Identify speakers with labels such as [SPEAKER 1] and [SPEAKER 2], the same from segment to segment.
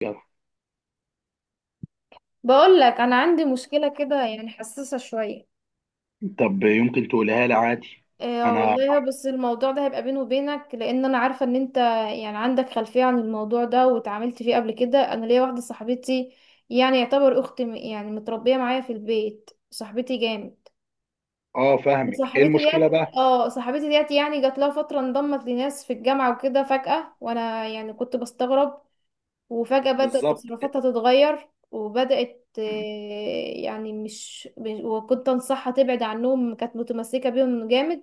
[SPEAKER 1] يلا.
[SPEAKER 2] بقول لك انا عندي مشكله كده، يعني حساسه شويه.
[SPEAKER 1] طب يمكن تقولها لي عادي.
[SPEAKER 2] إيه
[SPEAKER 1] انا
[SPEAKER 2] والله، بس الموضوع ده هيبقى بيني وبينك لان انا عارفه ان انت يعني عندك خلفيه عن الموضوع ده واتعاملت فيه قبل كده. انا ليا واحده صاحبتي، يعني يعتبر اختي، يعني متربيه معايا في البيت، صاحبتي جامد.
[SPEAKER 1] اه فاهمك، ايه
[SPEAKER 2] صاحبتي ديت.
[SPEAKER 1] المشكله بقى؟
[SPEAKER 2] اه، صاحبتي ديت يعني جات لها فتره انضمت لناس في الجامعه وكده فجاه، وانا يعني كنت بستغرب. وفجأة بدأت
[SPEAKER 1] بالظبط.
[SPEAKER 2] تصرفاتها تتغير وبدأت، يعني وكنت أنصحها تبعد عنهم، كانت متمسكة بيهم جامد.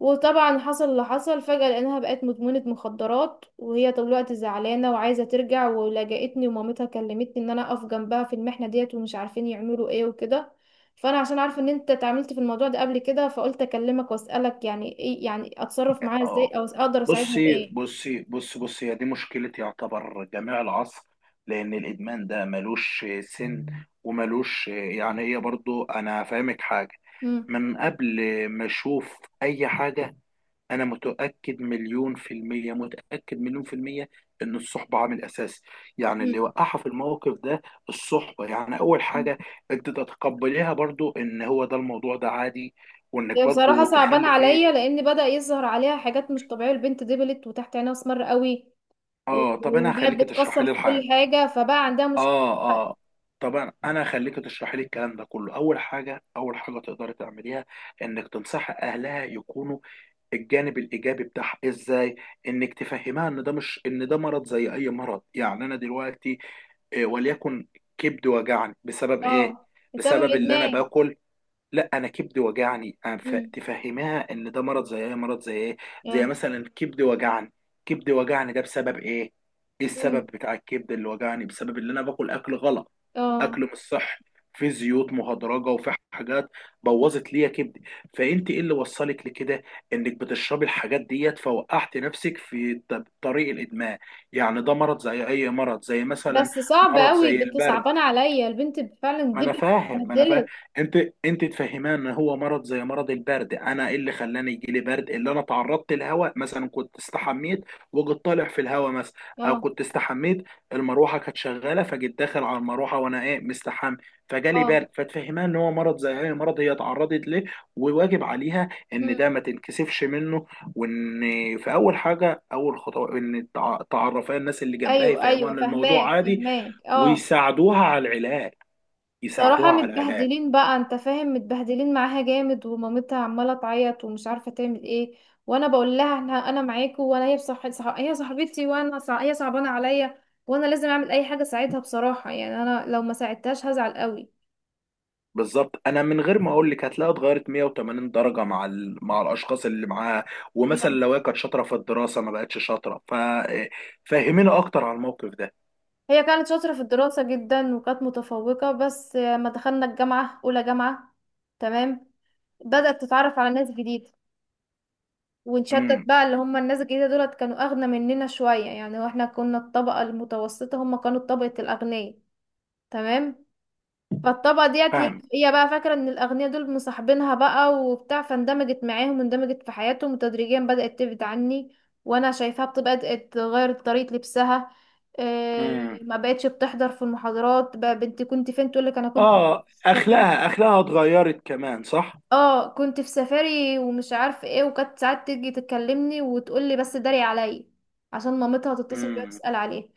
[SPEAKER 2] وطبعا حصل اللي حصل فجأة لأنها بقت مدمنة مخدرات، وهي طول الوقت زعلانة وعايزة ترجع، ولجأتني ومامتها كلمتني إن أنا أقف جنبها في المحنة ديت، ومش عارفين يعملوا إيه وكده. فأنا عشان عارفة إن أنت اتعاملت في الموضوع ده قبل كده، فقلت أكلمك وأسألك يعني إيه، يعني أتصرف معاها إزاي،
[SPEAKER 1] اه
[SPEAKER 2] أو أقدر أساعدها
[SPEAKER 1] بصي
[SPEAKER 2] بإيه.
[SPEAKER 1] بصي بصي بصي، هي دي مشكله يعتبر جميع العصر، لان الادمان ده ملوش سن وملوش، يعني هي برضو انا فاهمك حاجه
[SPEAKER 2] مم.
[SPEAKER 1] من قبل ما اشوف اي حاجه. انا متاكد مليون في الميه، متاكد مليون في الميه ان الصحبه عامل اساسي، يعني اللي وقعها في الموقف ده الصحبه، يعني اول حاجه
[SPEAKER 2] مم.
[SPEAKER 1] انت تتقبليها برضو ان هو ده، الموضوع ده عادي، وانك
[SPEAKER 2] هي
[SPEAKER 1] برضو
[SPEAKER 2] بصراحة صعبانة
[SPEAKER 1] تخلي فيه.
[SPEAKER 2] عليا لأن بدأ يظهر عليها حاجات مش طبيعية، البنت دبلت وتحت عينها أسمر قوي.
[SPEAKER 1] اه، طب انا
[SPEAKER 2] وبقت
[SPEAKER 1] هخليك تشرحي
[SPEAKER 2] بتكسر
[SPEAKER 1] لي
[SPEAKER 2] في كل
[SPEAKER 1] الحاجه.
[SPEAKER 2] حاجة، فبقى عندها مشكلة
[SPEAKER 1] اه.
[SPEAKER 2] دلوقتي.
[SPEAKER 1] اه، طبعا انا هخليك تشرحي لي الكلام ده كله. اول حاجه، اول حاجه تقدري تعمليها انك تنصحي اهلها يكونوا الجانب الايجابي بتاعها ازاي. انك تفهمها ان ده مش، ان ده مرض زي اي مرض. يعني انا دلوقتي، وليكن كبد وجعني بسبب ايه؟
[SPEAKER 2] اه. بسبب
[SPEAKER 1] بسبب اللي انا
[SPEAKER 2] الإدمان.
[SPEAKER 1] باكل. لا، انا كبدي وجعني أنا
[SPEAKER 2] امم.
[SPEAKER 1] تفهمها ان ده مرض زي ايه، مرض زي ايه. زي
[SPEAKER 2] اه.
[SPEAKER 1] مثلا كبدي وجعني، ده بسبب ايه؟ ايه
[SPEAKER 2] امم.
[SPEAKER 1] السبب بتاع الكبد اللي وجعني؟ بسبب ان انا باكل اكل غلط،
[SPEAKER 2] اه.
[SPEAKER 1] اكل مش صح، في زيوت مهدرجه وفي حاجات بوظت ليا كبدي. فانت ايه اللي وصلك لكده؟ انك بتشربي الحاجات ديت فوقعت نفسك في طريق الادمان. يعني ده مرض زي اي مرض، زي مثلا
[SPEAKER 2] بس صعب
[SPEAKER 1] مرض
[SPEAKER 2] قوي،
[SPEAKER 1] زي البرد.
[SPEAKER 2] صعبانة عليا البنت، فعلا
[SPEAKER 1] ما
[SPEAKER 2] دبلت،
[SPEAKER 1] انا فاهم ما انا فاهم
[SPEAKER 2] اتبهدلت.
[SPEAKER 1] انت، انت تفهمان ان هو مرض زي مرض البرد. انا ايه اللي خلاني يجي لي برد؟ اللي انا تعرضت للهواء، مثلا كنت استحميت وجيت طالع في الهواء مثلا، او
[SPEAKER 2] اه.
[SPEAKER 1] كنت استحميت المروحه كانت شغاله فجيت داخل على المروحه وانا ايه مستحمي، فجالي
[SPEAKER 2] اه.
[SPEAKER 1] برد. فتفهمان ان هو مرض زي اي مرض هي اتعرضت ليه، وواجب عليها ان
[SPEAKER 2] امم.
[SPEAKER 1] ده ما تنكسفش منه. وان في اول حاجه، اول خطوه ان تعرفها الناس اللي جنبها
[SPEAKER 2] أيوه
[SPEAKER 1] يفهموها
[SPEAKER 2] أيوه،
[SPEAKER 1] ان
[SPEAKER 2] فهماك
[SPEAKER 1] الموضوع عادي،
[SPEAKER 2] فهماك، اه.
[SPEAKER 1] ويساعدوها على العلاج،
[SPEAKER 2] بصراحة
[SPEAKER 1] يساعدوها على العلاج
[SPEAKER 2] متبهدلين بقى، انت فاهم، متبهدلين معاها جامد، ومامتها عمالة تعيط ومش عارفة تعمل ايه. وانا بقول لها انا معاكوا، وانا هي صاحبتي، وانا هي صعبانة عليا. وانا لازم اعمل اي حاجة اساعدها، بصراحة يعني انا لو ما ساعدتهاش هزعل قوي.
[SPEAKER 1] بالظبط. انا من غير ما اقول لك هتلاقيها اتغيرت 180 درجه مع مع الاشخاص اللي معاها. ومثلا
[SPEAKER 2] مم.
[SPEAKER 1] لو هي كانت شاطره في الدراسه ما بقتش شاطره، فهمينا اكتر على الموقف ده.
[SPEAKER 2] هي كانت شاطرة في الدراسة جدا وكانت متفوقة، بس لما دخلنا الجامعة اولى جامعة. تمام. بدأت تتعرف على ناس جديدة. ونشدد
[SPEAKER 1] امم.
[SPEAKER 2] بقى اللي هم الناس الجديدة دولت كانوا أغنى مننا شوية، يعني واحنا كنا الطبقة المتوسطة، هم كانوا طبقة الأغنياء. تمام. فالطبقة ديت هي
[SPEAKER 1] فاهم.
[SPEAKER 2] هي بقى فاكرة ان الأغنياء دول مصاحبينها بقى وبتاع، فاندمجت معاهم واندمجت في حياتهم، وتدريجيا بدأت تبعد عني. وانا شايفاها بدأت تغير طريقة لبسها.
[SPEAKER 1] امم.
[SPEAKER 2] إيه، ما بقتش بتحضر في المحاضرات، بقى بنتي كنت فين؟ تقولك انا كنت
[SPEAKER 1] اه،
[SPEAKER 2] سافرت.
[SPEAKER 1] اخلاقها، اتغيرت كمان، صح.
[SPEAKER 2] اه، كنت في سفاري ومش عارف ايه، وكانت ساعات تيجي تكلمني وتقولي بس داري عليا عشان مامتها تتصل بيها
[SPEAKER 1] امم.
[SPEAKER 2] تسأل عليه.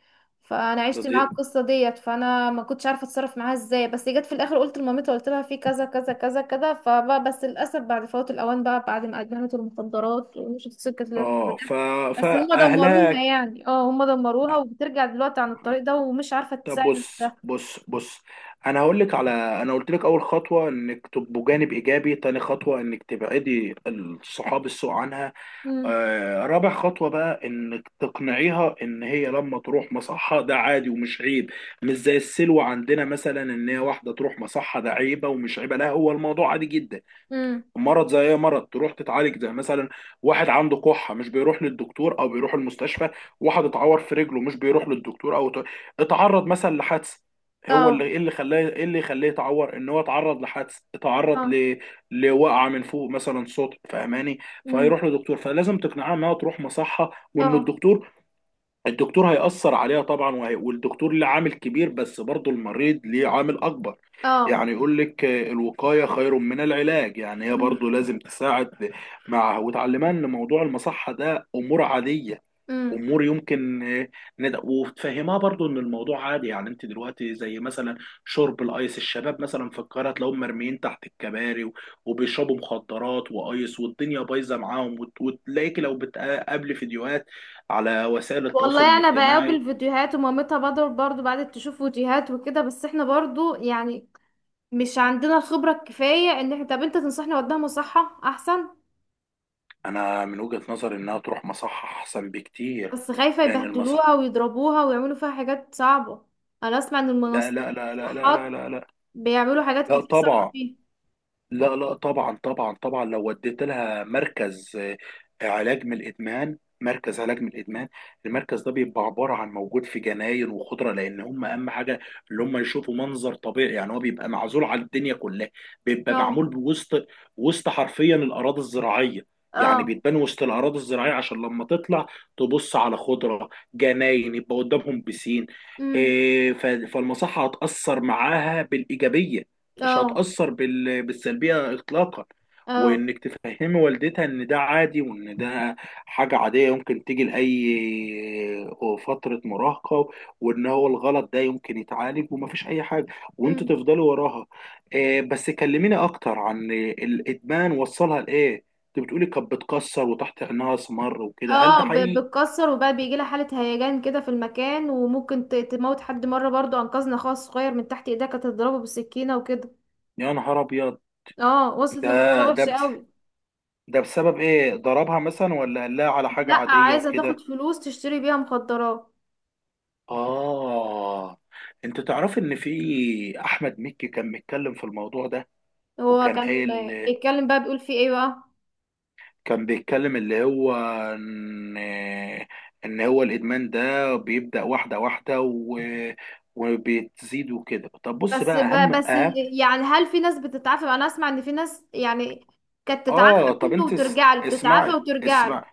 [SPEAKER 2] فانا عشت معاها
[SPEAKER 1] بدي،
[SPEAKER 2] القصه ديت، فانا ما كنتش عارفه اتصرف معاها ازاي، بس جت في الاخر قلت لمامتها، قلت لها في كذا كذا كذا كذا، فبقى بس للاسف بعد فوات الاوان بقى، بعد ما ادمنت المخدرات ومشيت سكه الارهاب.
[SPEAKER 1] اه، ف،
[SPEAKER 2] بس هم دمروها،
[SPEAKER 1] فاهلاك.
[SPEAKER 2] يعني اه هم دمروها، وبترجع دلوقتي عن الطريق ده ومش عارفه
[SPEAKER 1] طب
[SPEAKER 2] تساعد
[SPEAKER 1] بص
[SPEAKER 2] نفسها.
[SPEAKER 1] بص بص انا هقول لك على، انا قلت لك اول خطوه انك تبقوا جانب ايجابي، تاني خطوه انك تبعدي الصحاب السوء عنها.
[SPEAKER 2] امم.
[SPEAKER 1] رابع خطوة بقى انك تقنعيها ان هي لما تروح مصحة ده عادي ومش عيب. مش زي السلوة عندنا مثلا ان هي واحدة تروح مصحة ده عيبة، ومش عيبة، لا هو الموضوع عادي جدا.
[SPEAKER 2] امم.
[SPEAKER 1] مرض زي اي مرض، تروح تتعالج زي مثلا واحد عنده كحه، مش بيروح للدكتور او بيروح المستشفى؟ واحد اتعور في رجله مش بيروح للدكتور؟ او اتعرض مثلا لحادثه، هو
[SPEAKER 2] اه.
[SPEAKER 1] اللي ايه، اللي خلاه، ايه اللي يخليه يتعور؟ ان هو اتعرض لحادث، اتعرض
[SPEAKER 2] اه.
[SPEAKER 1] لوقعه من فوق مثلا، صوت، فاهماني؟
[SPEAKER 2] امم.
[SPEAKER 1] فهيروح لدكتور. فلازم تقنعها انها تروح مصحه، وان
[SPEAKER 2] اه.
[SPEAKER 1] الدكتور هيأثر عليها طبعا، والدكتور له عامل كبير، بس برضه المريض ليه عامل أكبر.
[SPEAKER 2] اه.
[SPEAKER 1] يعني يقول لك الوقاية خير من العلاج. يعني هي
[SPEAKER 2] امم.
[SPEAKER 1] برضه لازم تساعد مع، وتعلمنا إن موضوع المصحة ده أمور عادية،
[SPEAKER 2] امم.
[SPEAKER 1] امور يمكن وتفهمها برضو ان الموضوع عادي. يعني انت دلوقتي زي مثلا شرب الايس، الشباب مثلا في القاهره تلاقيهم مرميين تحت الكباري وبيشربوا مخدرات وايس والدنيا بايظه معاهم، وتلاقيك لو بتقابلي فيديوهات على وسائل التواصل
[SPEAKER 2] والله انا
[SPEAKER 1] الاجتماعي.
[SPEAKER 2] بقابل فيديوهات، ومامتها بدر برضو بعد تشوف فيديوهات وكده، بس احنا برضو يعني مش عندنا الخبرة الكفاية ان احنا. طب انت تنصحني اوديها مصحة احسن؟
[SPEAKER 1] انا من وجهه نظري انها تروح مصحه احسن بكتير.
[SPEAKER 2] بس خايفة
[SPEAKER 1] لان المصح
[SPEAKER 2] يبهدلوها ويضربوها ويعملوا فيها حاجات صعبة. انا اسمع ان
[SPEAKER 1] لا
[SPEAKER 2] المنصات،
[SPEAKER 1] لا لا لا لا لا
[SPEAKER 2] المصحات،
[SPEAKER 1] لا لا.
[SPEAKER 2] بيعملوا حاجات
[SPEAKER 1] لا
[SPEAKER 2] كتير صعبة
[SPEAKER 1] طبعا،
[SPEAKER 2] فيها.
[SPEAKER 1] لا لا طبعا طبعا طبعا. لو وديت لها مركز، علاج من الادمان، المركز ده بيبقى عباره عن موجود في جناين وخضره، لان هم اهم حاجه اللي هم يشوفوا منظر طبيعي. يعني هو بيبقى معزول عن الدنيا كلها، بيبقى
[SPEAKER 2] اه.
[SPEAKER 1] معمول بوسط، وسط حرفيا الاراضي الزراعيه. يعني
[SPEAKER 2] اه.
[SPEAKER 1] بيتبان وسط الاراضي الزراعيه عشان لما تطلع تبص على خضره، جناين، يبقى قدامهم بسين.
[SPEAKER 2] امم.
[SPEAKER 1] فالمصحه هتاثر معاها بالايجابيه، مش
[SPEAKER 2] اه.
[SPEAKER 1] هتأثر بالسلبية إطلاقا.
[SPEAKER 2] اه.
[SPEAKER 1] وإنك تفهمي والدتها إن ده عادي، وإن ده حاجة عادية يمكن تيجي لأي فترة مراهقة، وإن هو الغلط ده يمكن يتعالج ومفيش أي حاجة. وأنتوا
[SPEAKER 2] امم.
[SPEAKER 1] تفضلوا وراها. بس كلميني أكتر عن الإدمان، وصلها لإيه؟ أنت بتقولي كانت بتكسر، وتحت عينها أسمر وكده، هل
[SPEAKER 2] اه،
[SPEAKER 1] ده حقيقي؟
[SPEAKER 2] بتكسر وبقى بيجي لها حالة هيجان كده في المكان، وممكن تموت حد، مرة برضو انقذنا اخوها الصغير من تحت ايديها، كانت تضربه بالسكينة وكده.
[SPEAKER 1] يا نهار أبيض.
[SPEAKER 2] اه، وصلت
[SPEAKER 1] ده
[SPEAKER 2] لمرحلة
[SPEAKER 1] ده
[SPEAKER 2] وحشة
[SPEAKER 1] بس
[SPEAKER 2] قوي.
[SPEAKER 1] ده بسبب إيه؟ ضربها مثلا، ولا قال لها على
[SPEAKER 2] لا،
[SPEAKER 1] حاجة عادية
[SPEAKER 2] عايزة تاخد
[SPEAKER 1] وكده؟
[SPEAKER 2] فلوس تشتري بيها مخدرات.
[SPEAKER 1] آه. أنت تعرف إن في أحمد مكي كان بيتكلم في الموضوع ده،
[SPEAKER 2] هو
[SPEAKER 1] وكان
[SPEAKER 2] كان
[SPEAKER 1] قايل،
[SPEAKER 2] بيتكلم بقى، بيقول في ايه بقى؟
[SPEAKER 1] كان بيتكلم اللي هو إن إن هو الإدمان ده بيبدأ واحدة واحدة وبتزيد وكده. طب بص
[SPEAKER 2] بس
[SPEAKER 1] بقى،
[SPEAKER 2] ب-
[SPEAKER 1] أهم
[SPEAKER 2] بس
[SPEAKER 1] أهم
[SPEAKER 2] يعني هل في ناس بتتعافى؟ انا اسمع ان في ناس يعني كانت
[SPEAKER 1] آه،
[SPEAKER 2] تتعافى
[SPEAKER 1] طب
[SPEAKER 2] منه
[SPEAKER 1] أنت
[SPEAKER 2] وترجع له، تتعافى
[SPEAKER 1] اسمعي،
[SPEAKER 2] وترجع له.
[SPEAKER 1] اسمعي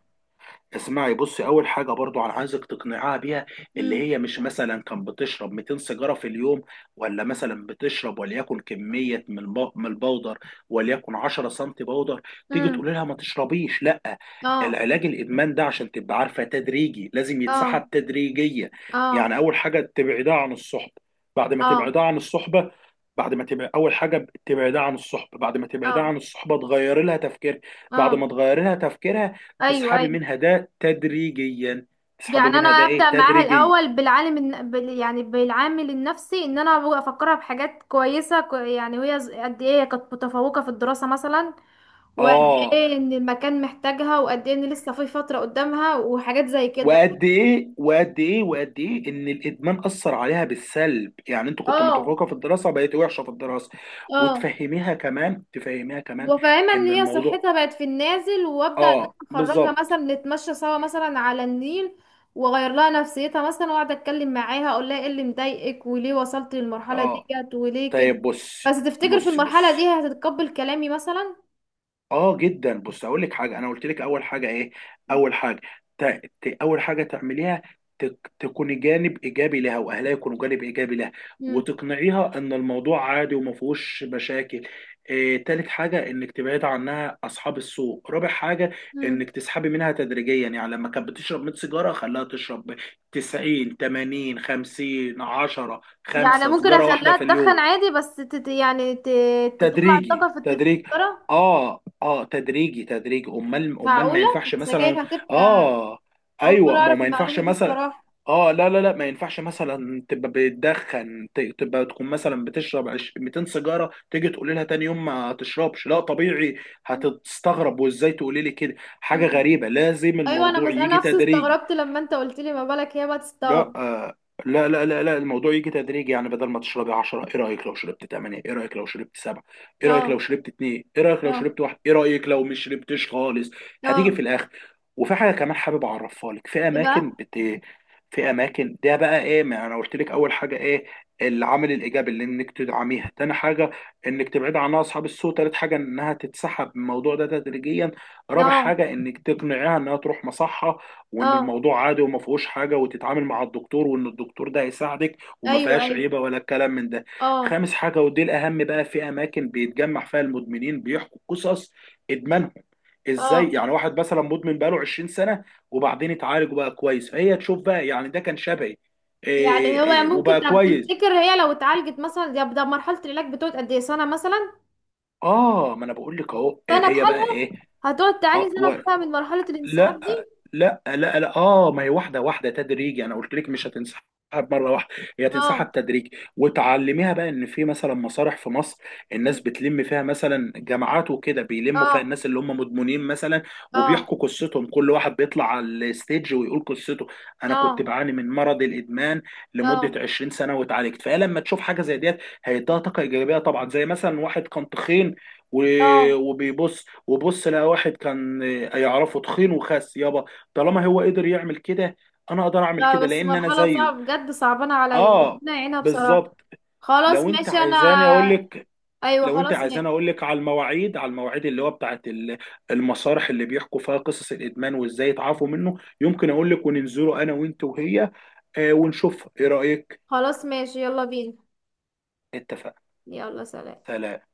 [SPEAKER 1] اسمعي بصي، اول حاجه برضو انا عايزك تقنعها بيها، اللي
[SPEAKER 2] امم.
[SPEAKER 1] هي مش مثلا كان بتشرب 200 سيجاره في اليوم، ولا مثلا بتشرب وليكن كميه من من البودر، وليكن 10 سم بودر، تيجي
[SPEAKER 2] امم.
[SPEAKER 1] تقول لها ما تشربيش، لا.
[SPEAKER 2] اه.
[SPEAKER 1] العلاج الادمان ده عشان تبقى عارفه تدريجي، لازم يتسحب
[SPEAKER 2] اه.
[SPEAKER 1] تدريجيا. يعني
[SPEAKER 2] اه.
[SPEAKER 1] اول حاجه تبعدها عن الصحبه، بعد ما تبعدها
[SPEAKER 2] اه.
[SPEAKER 1] عن الصحبه بعد ما تبعد اول حاجه تبعدها عن الصحبه، بعد ما تبعدها
[SPEAKER 2] اه.
[SPEAKER 1] عن الصحبه تغير لها تفكير،
[SPEAKER 2] اه.
[SPEAKER 1] بعد ما تغير لها تفكيرها،
[SPEAKER 2] ايوه
[SPEAKER 1] تسحبي
[SPEAKER 2] ايوه.
[SPEAKER 1] منها ده تدريجيا، تسحبي
[SPEAKER 2] يعني انا
[SPEAKER 1] منها ده ايه
[SPEAKER 2] ابدا معاها
[SPEAKER 1] تدريجيا.
[SPEAKER 2] الاول بالعالم يعني بالعامل النفسي، ان انا أبقى افكرها بحاجات كويسه، يعني وهي قد ايه هي كانت متفوقه في الدراسه مثلا، وقد
[SPEAKER 1] اه،
[SPEAKER 2] ايه ان المكان محتاجها، وقد ايه ان لسه في فتره قدامها، وحاجات زي كده.
[SPEAKER 1] وقد ايه ان الادمان اثر عليها بالسلب. يعني انت كنت
[SPEAKER 2] اه.
[SPEAKER 1] متفوقه في الدراسه بقيت وحشه في الدراسه.
[SPEAKER 2] اه.
[SPEAKER 1] وتفهميها كمان تفهميها كمان
[SPEAKER 2] وفاهمة ان
[SPEAKER 1] ان
[SPEAKER 2] هي
[SPEAKER 1] الموضوع،
[SPEAKER 2] صحتها بقت في النازل، وابدأ ان
[SPEAKER 1] اه
[SPEAKER 2] انا اخرجها مثلا
[SPEAKER 1] بالظبط.
[SPEAKER 2] نتمشى سوا مثلا على النيل، واغير لها نفسيتها مثلا، واقعد اتكلم معاها اقول لها ايه اللي مضايقك وليه وصلت للمرحلة
[SPEAKER 1] اه،
[SPEAKER 2] ديت وليه كده.
[SPEAKER 1] طيب بصي
[SPEAKER 2] بس تفتكر في
[SPEAKER 1] بصي
[SPEAKER 2] المرحلة
[SPEAKER 1] بصي
[SPEAKER 2] دي هتتقبل كلامي مثلا؟
[SPEAKER 1] اه جدا. بص، اقول لك حاجه، انا قلت لك اول حاجه ايه، اول حاجه، ت... اول حاجه تعمليها، تكوني جانب ايجابي لها، واهلها يكونوا جانب ايجابي لها،
[SPEAKER 2] مم.
[SPEAKER 1] وتقنعيها ان الموضوع عادي وما فيهوش مشاكل. تالت حاجه انك تبعد عنها اصحاب السوء. رابع حاجه
[SPEAKER 2] مم.
[SPEAKER 1] انك تسحبي منها تدريجيا، يعني لما كانت بتشرب 100 سيجاره خليها تشرب 90 80 50 10
[SPEAKER 2] يعني
[SPEAKER 1] 5
[SPEAKER 2] ممكن
[SPEAKER 1] سيجاره واحده
[SPEAKER 2] اخليها
[SPEAKER 1] في
[SPEAKER 2] تدخن
[SPEAKER 1] اليوم،
[SPEAKER 2] عادي، بس يعني تطلع الطاقة
[SPEAKER 1] تدريجي
[SPEAKER 2] في في
[SPEAKER 1] تدريج.
[SPEAKER 2] السيجارة؟
[SPEAKER 1] اه. اه، تدريجي تدريج. امال، امال ما
[SPEAKER 2] معقولة؟
[SPEAKER 1] ينفعش مثلا.
[SPEAKER 2] السجاير هتبقى.
[SPEAKER 1] اه.
[SPEAKER 2] اول مرة
[SPEAKER 1] ايوه، ما هو
[SPEAKER 2] اعرف
[SPEAKER 1] ما ينفعش
[SPEAKER 2] المعلومة دي
[SPEAKER 1] مثلا.
[SPEAKER 2] الصراحة.
[SPEAKER 1] اه لا لا لا. ما ينفعش مثلا تبقى بتدخن، تبقى تكون مثلا بتشرب 200 سيجاره، تيجي تقولي لها تاني يوم ما تشربش، لا طبيعي
[SPEAKER 2] مم.
[SPEAKER 1] هتستغرب، وازاي تقولي لي كده، حاجه
[SPEAKER 2] مم.
[SPEAKER 1] غريبه. لازم
[SPEAKER 2] ايوه،
[SPEAKER 1] الموضوع
[SPEAKER 2] انا
[SPEAKER 1] يجي
[SPEAKER 2] نفسي
[SPEAKER 1] تدريجي.
[SPEAKER 2] استغربت لما انت قلت لي، ما بالك هي بقى
[SPEAKER 1] لا
[SPEAKER 2] تستغرب.
[SPEAKER 1] لا لا لا لا. الموضوع يجي تدريجي، يعني بدل ما تشربي 10 ايه رايك لو شربت 8، ايه رايك لو شربت 7، ايه
[SPEAKER 2] اه.
[SPEAKER 1] رايك لو شربت 2، ايه رايك لو
[SPEAKER 2] اه.
[SPEAKER 1] شربت 1، ايه رايك لو مش شربتش خالص؟ هتيجي في
[SPEAKER 2] اه.
[SPEAKER 1] الاخر. وفي حاجه كمان حابب اعرفها لك، في
[SPEAKER 2] ايه بقى؟
[SPEAKER 1] اماكن في اماكن، ده بقى ايه، ما انا قلت لك اول حاجه ايه، العامل الايجابي اللي انك تدعميها. تاني حاجه انك تبعد عنها اصحاب السوء. تالت حاجه انها تتسحب من الموضوع ده تدريجيا. رابع
[SPEAKER 2] اه.
[SPEAKER 1] حاجه انك تقنعيها انها تروح مصحه، وان
[SPEAKER 2] اه.
[SPEAKER 1] الموضوع عادي وما فيهوش حاجه، وتتعامل مع الدكتور، وان الدكتور ده هيساعدك، وما
[SPEAKER 2] ايوه
[SPEAKER 1] فيهاش
[SPEAKER 2] ايوه.
[SPEAKER 1] عيبه ولا الكلام من ده.
[SPEAKER 2] اه.
[SPEAKER 1] خامس حاجه ودي الاهم بقى، في اماكن بيتجمع فيها المدمنين بيحكوا قصص ادمانهم، ازاي
[SPEAKER 2] اه.
[SPEAKER 1] يعني واحد مثلا مدمن بقاله 20 سنه، وبعدين اتعالج وبقى كويس، فهي تشوف بقى يعني ده كان شبهي،
[SPEAKER 2] يعني
[SPEAKER 1] إيه
[SPEAKER 2] هو
[SPEAKER 1] إيه
[SPEAKER 2] ممكن،
[SPEAKER 1] وبقى
[SPEAKER 2] طب
[SPEAKER 1] كويس.
[SPEAKER 2] تفتكر هي لو اتعالجت مثلا، ده مرحله العلاج بتقعد قد ايه، سنه مثلا؟
[SPEAKER 1] اه، ما انا بقول لك اهو، إيه
[SPEAKER 2] سنه
[SPEAKER 1] هي بقى
[SPEAKER 2] بحالها؟
[SPEAKER 1] ايه.
[SPEAKER 2] هتقعد تعاني
[SPEAKER 1] آه
[SPEAKER 2] سنه
[SPEAKER 1] و...
[SPEAKER 2] بحالها من مرحله الانسحاب
[SPEAKER 1] لا
[SPEAKER 2] دي؟
[SPEAKER 1] لا، اه، ما هي واحده واحده تدريجي، انا قلت لك مش هتنسحب مره واحده، هي هتنسحب
[SPEAKER 2] اه.
[SPEAKER 1] تدريجي. وتعلميها بقى ان في مثلا مسارح في مصر، الناس
[SPEAKER 2] أمم.
[SPEAKER 1] بتلم فيها مثلا جماعات وكده، بيلموا فيها
[SPEAKER 2] اه.
[SPEAKER 1] الناس اللي هم مدمنين مثلا،
[SPEAKER 2] اه.
[SPEAKER 1] وبيحكوا قصتهم، كل واحد بيطلع على الستيج ويقول قصته، انا كنت
[SPEAKER 2] اه.
[SPEAKER 1] بعاني من مرض الادمان
[SPEAKER 2] اه.
[SPEAKER 1] لمده 20 سنه واتعالجت. فهي لما تشوف حاجه زي ديت هيديها طاقه ايجابيه طبعا. زي مثلا واحد كان تخين،
[SPEAKER 2] اه.
[SPEAKER 1] وبيبص، وبص لقى واحد كان يعرفه تخين وخس، يابا، طالما هو قدر يعمل كده، انا اقدر اعمل
[SPEAKER 2] لا
[SPEAKER 1] كده
[SPEAKER 2] بس
[SPEAKER 1] لان انا
[SPEAKER 2] مرحله
[SPEAKER 1] زيه.
[SPEAKER 2] صعبه بجد، صعبانه عليا،
[SPEAKER 1] اه
[SPEAKER 2] ربنا يعينها بصراحه.
[SPEAKER 1] بالظبط.
[SPEAKER 2] خلاص
[SPEAKER 1] لو انت
[SPEAKER 2] ماشي
[SPEAKER 1] عايزاني اقول
[SPEAKER 2] انا.
[SPEAKER 1] لك،
[SPEAKER 2] ايوه
[SPEAKER 1] لو انت
[SPEAKER 2] خلاص
[SPEAKER 1] عايزاني
[SPEAKER 2] ماشي.
[SPEAKER 1] اقول لك على المواعيد، على المواعيد اللي هو بتاعت المسارح اللي بيحكوا فيها قصص الادمان وازاي يتعافوا منه، يمكن اقول لك وننزله انا وانت وهي. آه، ونشوف ايه رايك.
[SPEAKER 2] خلاص ماشي، يلا بينا.
[SPEAKER 1] اتفقنا.
[SPEAKER 2] يلا سلام.
[SPEAKER 1] سلام.